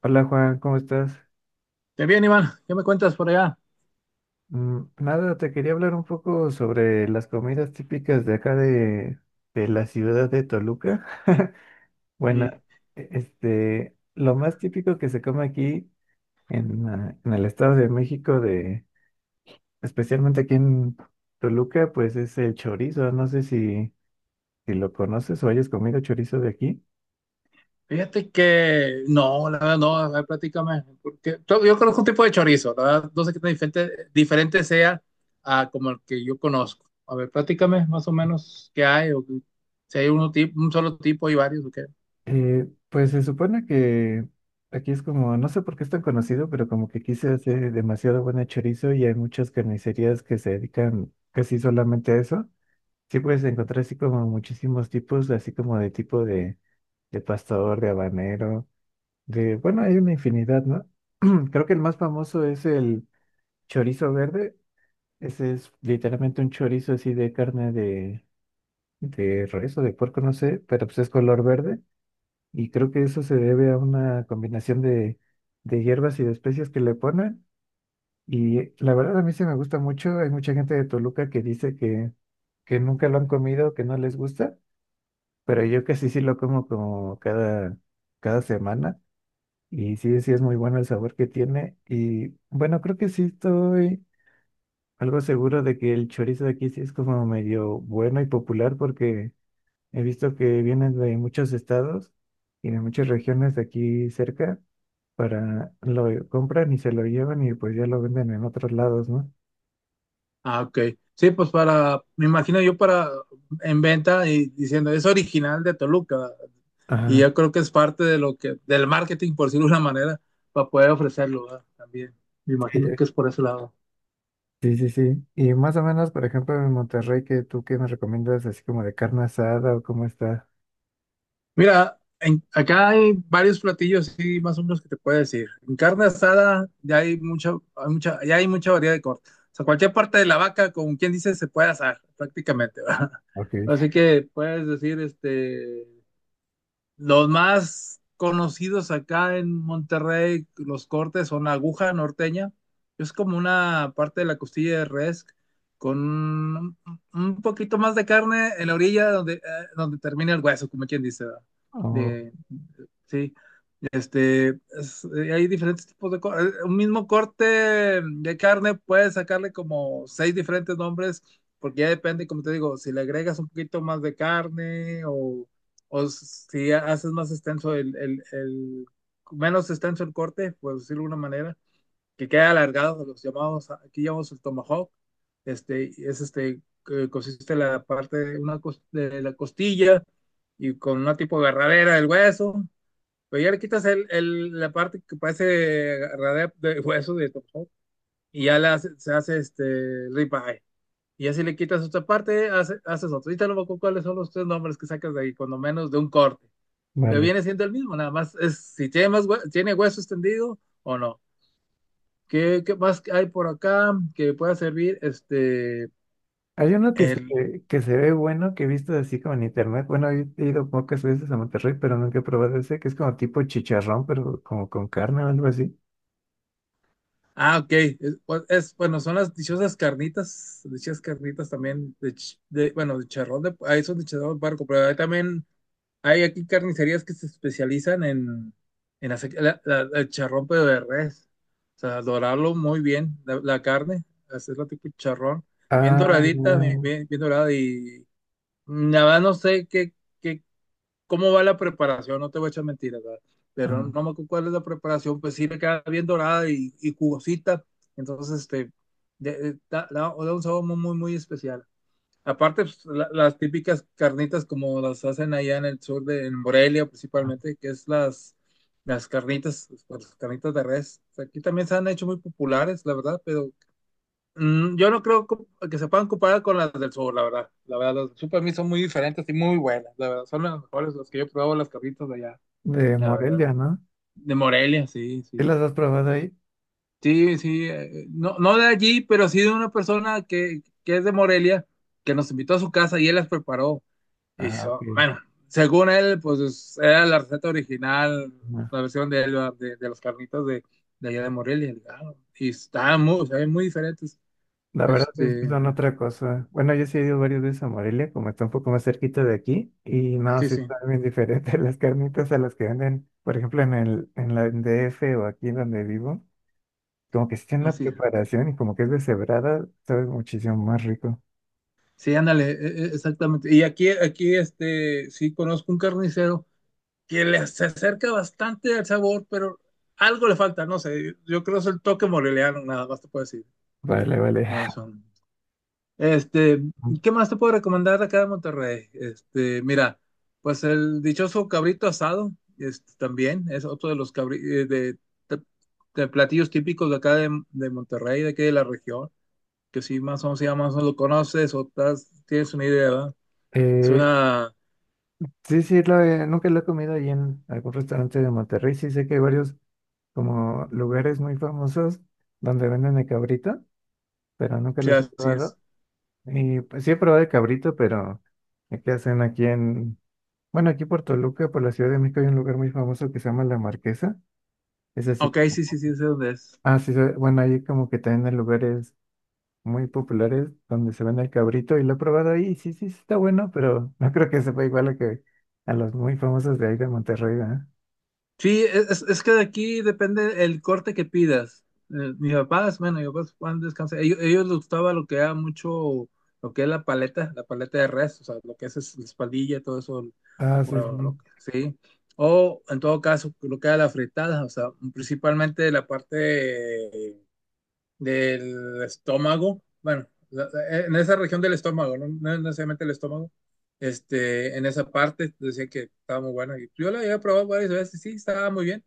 Hola Juan, ¿cómo estás? Qué bien, Iván. ¿Qué me cuentas por allá? Nada, te quería hablar un poco sobre las comidas típicas de de la ciudad de Toluca. Bueno, Eh, lo más típico que se come aquí en el Estado de México, especialmente aquí en Toluca, pues es el chorizo. No sé si lo conoces o hayas comido chorizo de aquí. Fíjate que no, la verdad no, a ver, platícame. Porque yo conozco un tipo de chorizo, la verdad, no sé qué tan diferente, diferente sea a como el que yo conozco. A ver, platícame más o menos qué hay, o si hay uno, un solo tipo y varios, ¿ok? Pues se supone que aquí es como, no sé por qué es tan conocido, pero como que aquí se hace demasiado buena chorizo y hay muchas carnicerías que se dedican casi solamente a eso. Sí puedes encontrar así como muchísimos tipos, así como de tipo de pastor, de habanero, bueno, hay una infinidad, ¿no? Creo que el más famoso es el chorizo verde. Ese es literalmente un chorizo así de carne de res o de puerco, no sé, pero pues es color verde y creo que eso se debe a una combinación de hierbas y de especias que le ponen. Y la verdad a mí se me gusta mucho. Hay mucha gente de Toluca que dice que nunca lo han comido, que no les gusta, pero yo casi sí lo como como cada semana. Y sí, sí es muy bueno el sabor que tiene. Y bueno, creo que sí estoy algo seguro de que el chorizo de aquí sí es como medio bueno y popular porque... He visto que vienen de muchos estados y de muchas regiones de aquí cerca para lo compran y se lo llevan y pues ya lo venden en otros lados, ¿no? Ah, ok. Sí, pues para, me imagino yo para en venta y diciendo, es original de Toluca. Y Ajá. yo creo que es parte de lo que, del marketing, por decirlo de una manera, para poder ofrecerlo, ¿verdad? También. Me Sí, imagino que es por ese lado. sí, sí, sí. Y más o menos, por ejemplo, en Monterrey, ¿qué me recomiendas así como de carne asada o cómo está? Mira, acá hay varios platillos, sí, más o menos que te puedo decir. En carne asada ya hay mucha, ya hay mucha variedad de cortes. O sea, cualquier parte de la vaca, como quien dice, se puede asar prácticamente, ¿verdad? Ok. Así que puedes decir, los más conocidos acá en Monterrey, los cortes son aguja norteña. Es como una parte de la costilla de res con un poquito más de carne en la orilla donde, donde termina el hueso, como quien dice, ¿verdad? Oh, De, sí. Este, hay diferentes tipos de... un mismo corte de carne puedes sacarle como seis diferentes nombres, porque ya depende, como te digo, si le agregas un poquito más de carne o si haces más extenso el, menos extenso el corte, por decirlo de alguna manera, que quede alargado, los llamados, aquí llamamos el tomahawk, es este, que consiste la parte de, una, de la costilla y con una tipo de agarradera del hueso, pero ya le quitas el, la parte que parece radea de hueso de Tom Hog, y ya la se hace este ribeye. Y así le quitas otra parte, haces otro. Y no me acuerdo cuáles son los tres nombres que sacas de ahí, cuando menos de un corte. Pero vale. viene siendo el mismo, nada más es si tiene más tiene hueso extendido o no. ¿Qué, qué más hay por acá que pueda servir? Hay uno el, que se ve bueno, que he visto así como en internet. Bueno, he ido pocas veces a Monterrey, pero nunca he probado ese, que es como tipo chicharrón, pero como con carne o algo así. ah, ok. Es, pues, bueno, son las dichosas carnitas también de, bueno, de charrón de, ahí son de charrón de puerco, pero ahí también hay aquí carnicerías que se especializan en hacer el charrón, pero de res. O sea, dorarlo muy bien, la carne, hacerlo tipo charrón, bien Ah, doradita, ya. bien, bien, bien dorada. Y nada, no sé qué, qué, cómo va la preparación, no te voy a echar mentiras, ¿verdad? Pero Ah, no me acuerdo cuál es la preparación, pues sí le queda bien dorada y jugosita. Entonces, da, da un sabor muy, muy, muy especial. Aparte, pues, las típicas carnitas como las hacen allá en el sur de en Morelia ah, principalmente, que es las carnitas de res. O sea, aquí también se han hecho muy populares, la verdad, pero yo no creo que se puedan comparar con las del sur, la verdad. La verdad, las del sur para mí son muy diferentes y muy buenas, la verdad. Son las mejores las que yo he probado, las carnitas de allá, de la verdad. Morelia, ¿no? De Morelia, sí, ¿Sí sí. las has probado ahí? Sí, sí. No, no de allí, pero sí de una persona que es de Morelia, que nos invitó a su casa y él las preparó. Ah, Hizo, ok. bueno, según él, pues era la receta original, No. la versión de, él, de los carnitos de allá de Morelia. Ah, y estaban muy, saben, muy diferentes. La verdad es que Este, son otra cosa. Bueno, yo sí he ido varias veces a Morelia, como está un poco más cerquita de aquí, y no, sí, sí sí, están bien diferentes las carnitas a las que venden, por ejemplo, en la en DF o aquí donde vivo, como que sí tienen una así es. preparación y como que es deshebrada, sabe muchísimo más rico. Sí, ándale, exactamente. Y aquí, aquí, sí conozco un carnicero que le, se acerca bastante al sabor, pero algo le falta, no sé. Yo creo que es el toque moreliano, nada más te puedo decir. Vale, vale. Eso. Este, ¿Qué más te puedo recomendar de acá de Monterrey? Mira, pues el dichoso cabrito asado, también es otro de los de, de- de platillos típicos de acá de Monterrey, de aquí de la región, que si más o menos, si ya más o menos lo conoces o tienes una idea, ¿verdad? Es Eh, una, sí, sí, nunca lo he comido ahí en algún restaurante de Monterrey. Sí, sé que hay varios como lugares muy famosos donde venden el cabrito, pero nunca sí, los he así es. probado. Y pues sí he probado el cabrito, pero el que hacen aquí en, bueno, aquí por Toluca, por la Ciudad de México, hay un lugar muy famoso que se llama La Marquesa. Es así Ok, como, sí, sí, sí, sé dónde es. ah, sí, bueno, ahí como que también hay lugares muy populares donde se vende el cabrito y lo he probado ahí, y sí, sí, sí está bueno, pero no creo que sepa igual a que a los muy famosos de ahí de Monterrey, ¿verdad? Sí, es que de aquí depende el corte que pidas. Mis papás, bueno, mis papás van a descansar. Ellos les gustaba lo que era mucho, lo que es la paleta de res, o sea, lo que es la espaldilla, todo eso, Ah, sí, bueno, sí, sí. O en todo caso, lo que era la fritada, o sea, principalmente la parte del estómago, bueno, en esa región del estómago, no, no necesariamente el estómago. En esa parte decía que estaba muy buena. Y yo la había probado varias veces, sí, estaba muy bien.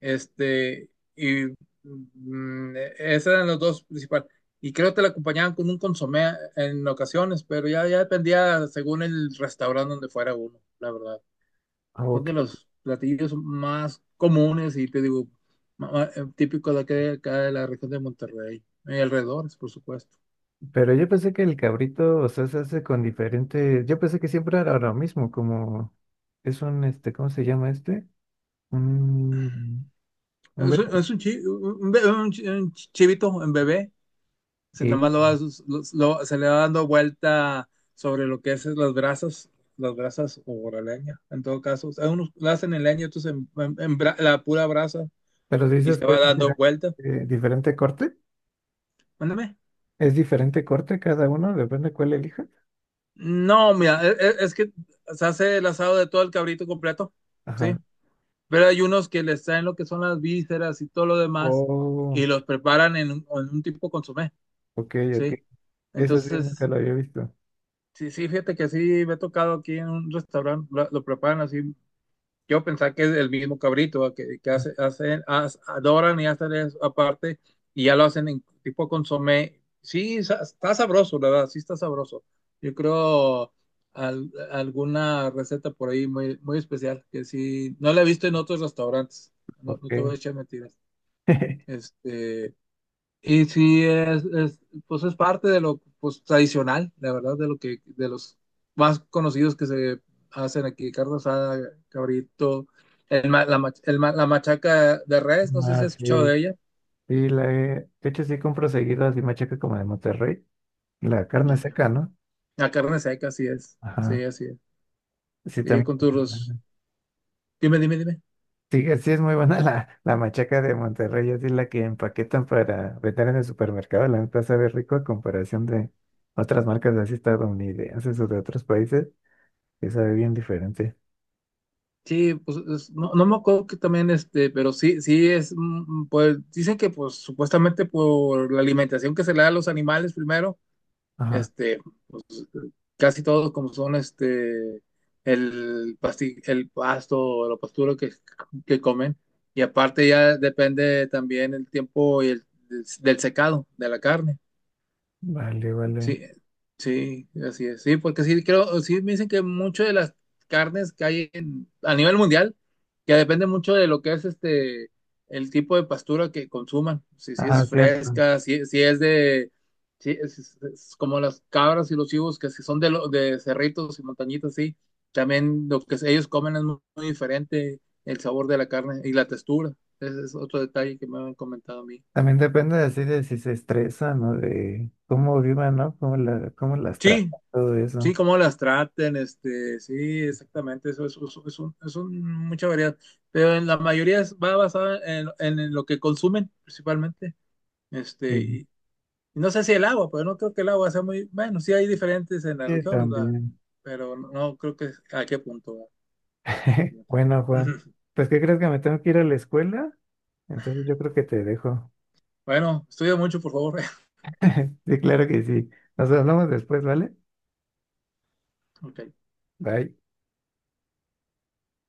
Este, y esos eran los dos principales. Y creo que la acompañaban con un consomé en ocasiones, pero ya, ya dependía según el restaurante donde fuera uno, la verdad. Son de sí. los platillos más comunes y te digo, típicos de acá, acá de la región de Monterrey y alrededores, por supuesto. Pero yo pensé que el cabrito, o sea, se hace con diferentes. Yo pensé que siempre era lo mismo, como es un, este, ¿cómo se llama este? Un, un verde. Es un un chivito en bebé, se, nada Y, más lo, lo- se le va dando vuelta sobre lo que es las brasas o la leña, en todo caso. O sea, unos la hacen en leña, otros en, la pura brasa pero si y dices se que va es dando diferente, vuelta. Diferente corte. Mándame. ¿Es diferente corte cada uno? Depende cuál elija. No, mira, es, que se hace el asado de todo el cabrito completo, ¿sí? Ajá. Pero hay unos que les traen lo que son las vísceras y todo lo demás y Oh, los preparan en un tipo consomé, ok, ok. ¿sí? Eso sí, Entonces, nunca lo había visto. sí, sí, fíjate que sí, me ha tocado aquí en un restaurante, lo preparan así. Yo pensaba que es el mismo cabrito, ¿va? Que Ah, hace, hacen, adoran y hacen eso aparte y ya lo hacen en tipo consomé. Sí, está sabroso, la verdad, sí está sabroso. Yo creo alguna receta por ahí muy, muy especial que sí, no la he visto en otros restaurantes, no, no te voy a ok. echar mentiras. Este, sí, es, pues es parte de lo pues, tradicional, la verdad, de lo que, de los más conocidos que se hacen aquí, carne asada, cabrito, el la machaca de res, no sé si Ah, has escuchado sí. de ella. Sí, la he... De hecho, sí compro seguido así machaca como de Monterrey. La carne Ok. seca, ¿no? La carne seca, así es, sí, Ajá. así es. Sí, Y también. con tus... Dime, dime, dime. Sí, sí es muy buena la machaca de Monterrey, así la que empaquetan para vender en el supermercado, la neta sabe rico a comparación de otras marcas así estadounidenses o de otros países, que sabe bien diferente. Sí, pues no, no me acuerdo que también, pero sí, sí es, pues dicen que pues supuestamente por la alimentación que se le da a los animales primero. Ajá, Este, pues, casi todos como son este el el pasto o la pastura que comen. Y aparte ya depende también el tiempo y del secado de la carne. vale, vale. Sí, sí, así es. Sí, porque sí, creo, sí me dicen que mucho de las carnes que hay a nivel mundial, que depende mucho de lo que es el tipo de pastura que consuman. Si, si Ah, es cierto. fresca, si, si es de, si es, es como las cabras y los chivos, que si son de, de cerritos y montañitas, sí. También lo que ellos comen es muy, muy diferente el sabor de la carne y la textura. Ese es otro detalle que me han comentado a mí. También depende así de si se estresan o de cómo vivan, ¿no? Cómo las Sí, tratan, todo sí, eso. cómo las traten, sí, exactamente, eso es, mucha variedad, pero en la mayoría va basada en lo que consumen principalmente, este, y, Sí, y no sé si el agua, pero no creo que el agua sea muy, bueno, sí hay diferentes en las sí, regiones, va, también. pero no, no creo que a qué punto va. Bueno, Juan, pues ¿qué crees que me tengo que ir a la escuela? Entonces yo creo que te dejo. Bueno, estudia mucho, por favor. Sí, claro que sí. Nos hablamos después, ¿vale? Ok. Bye.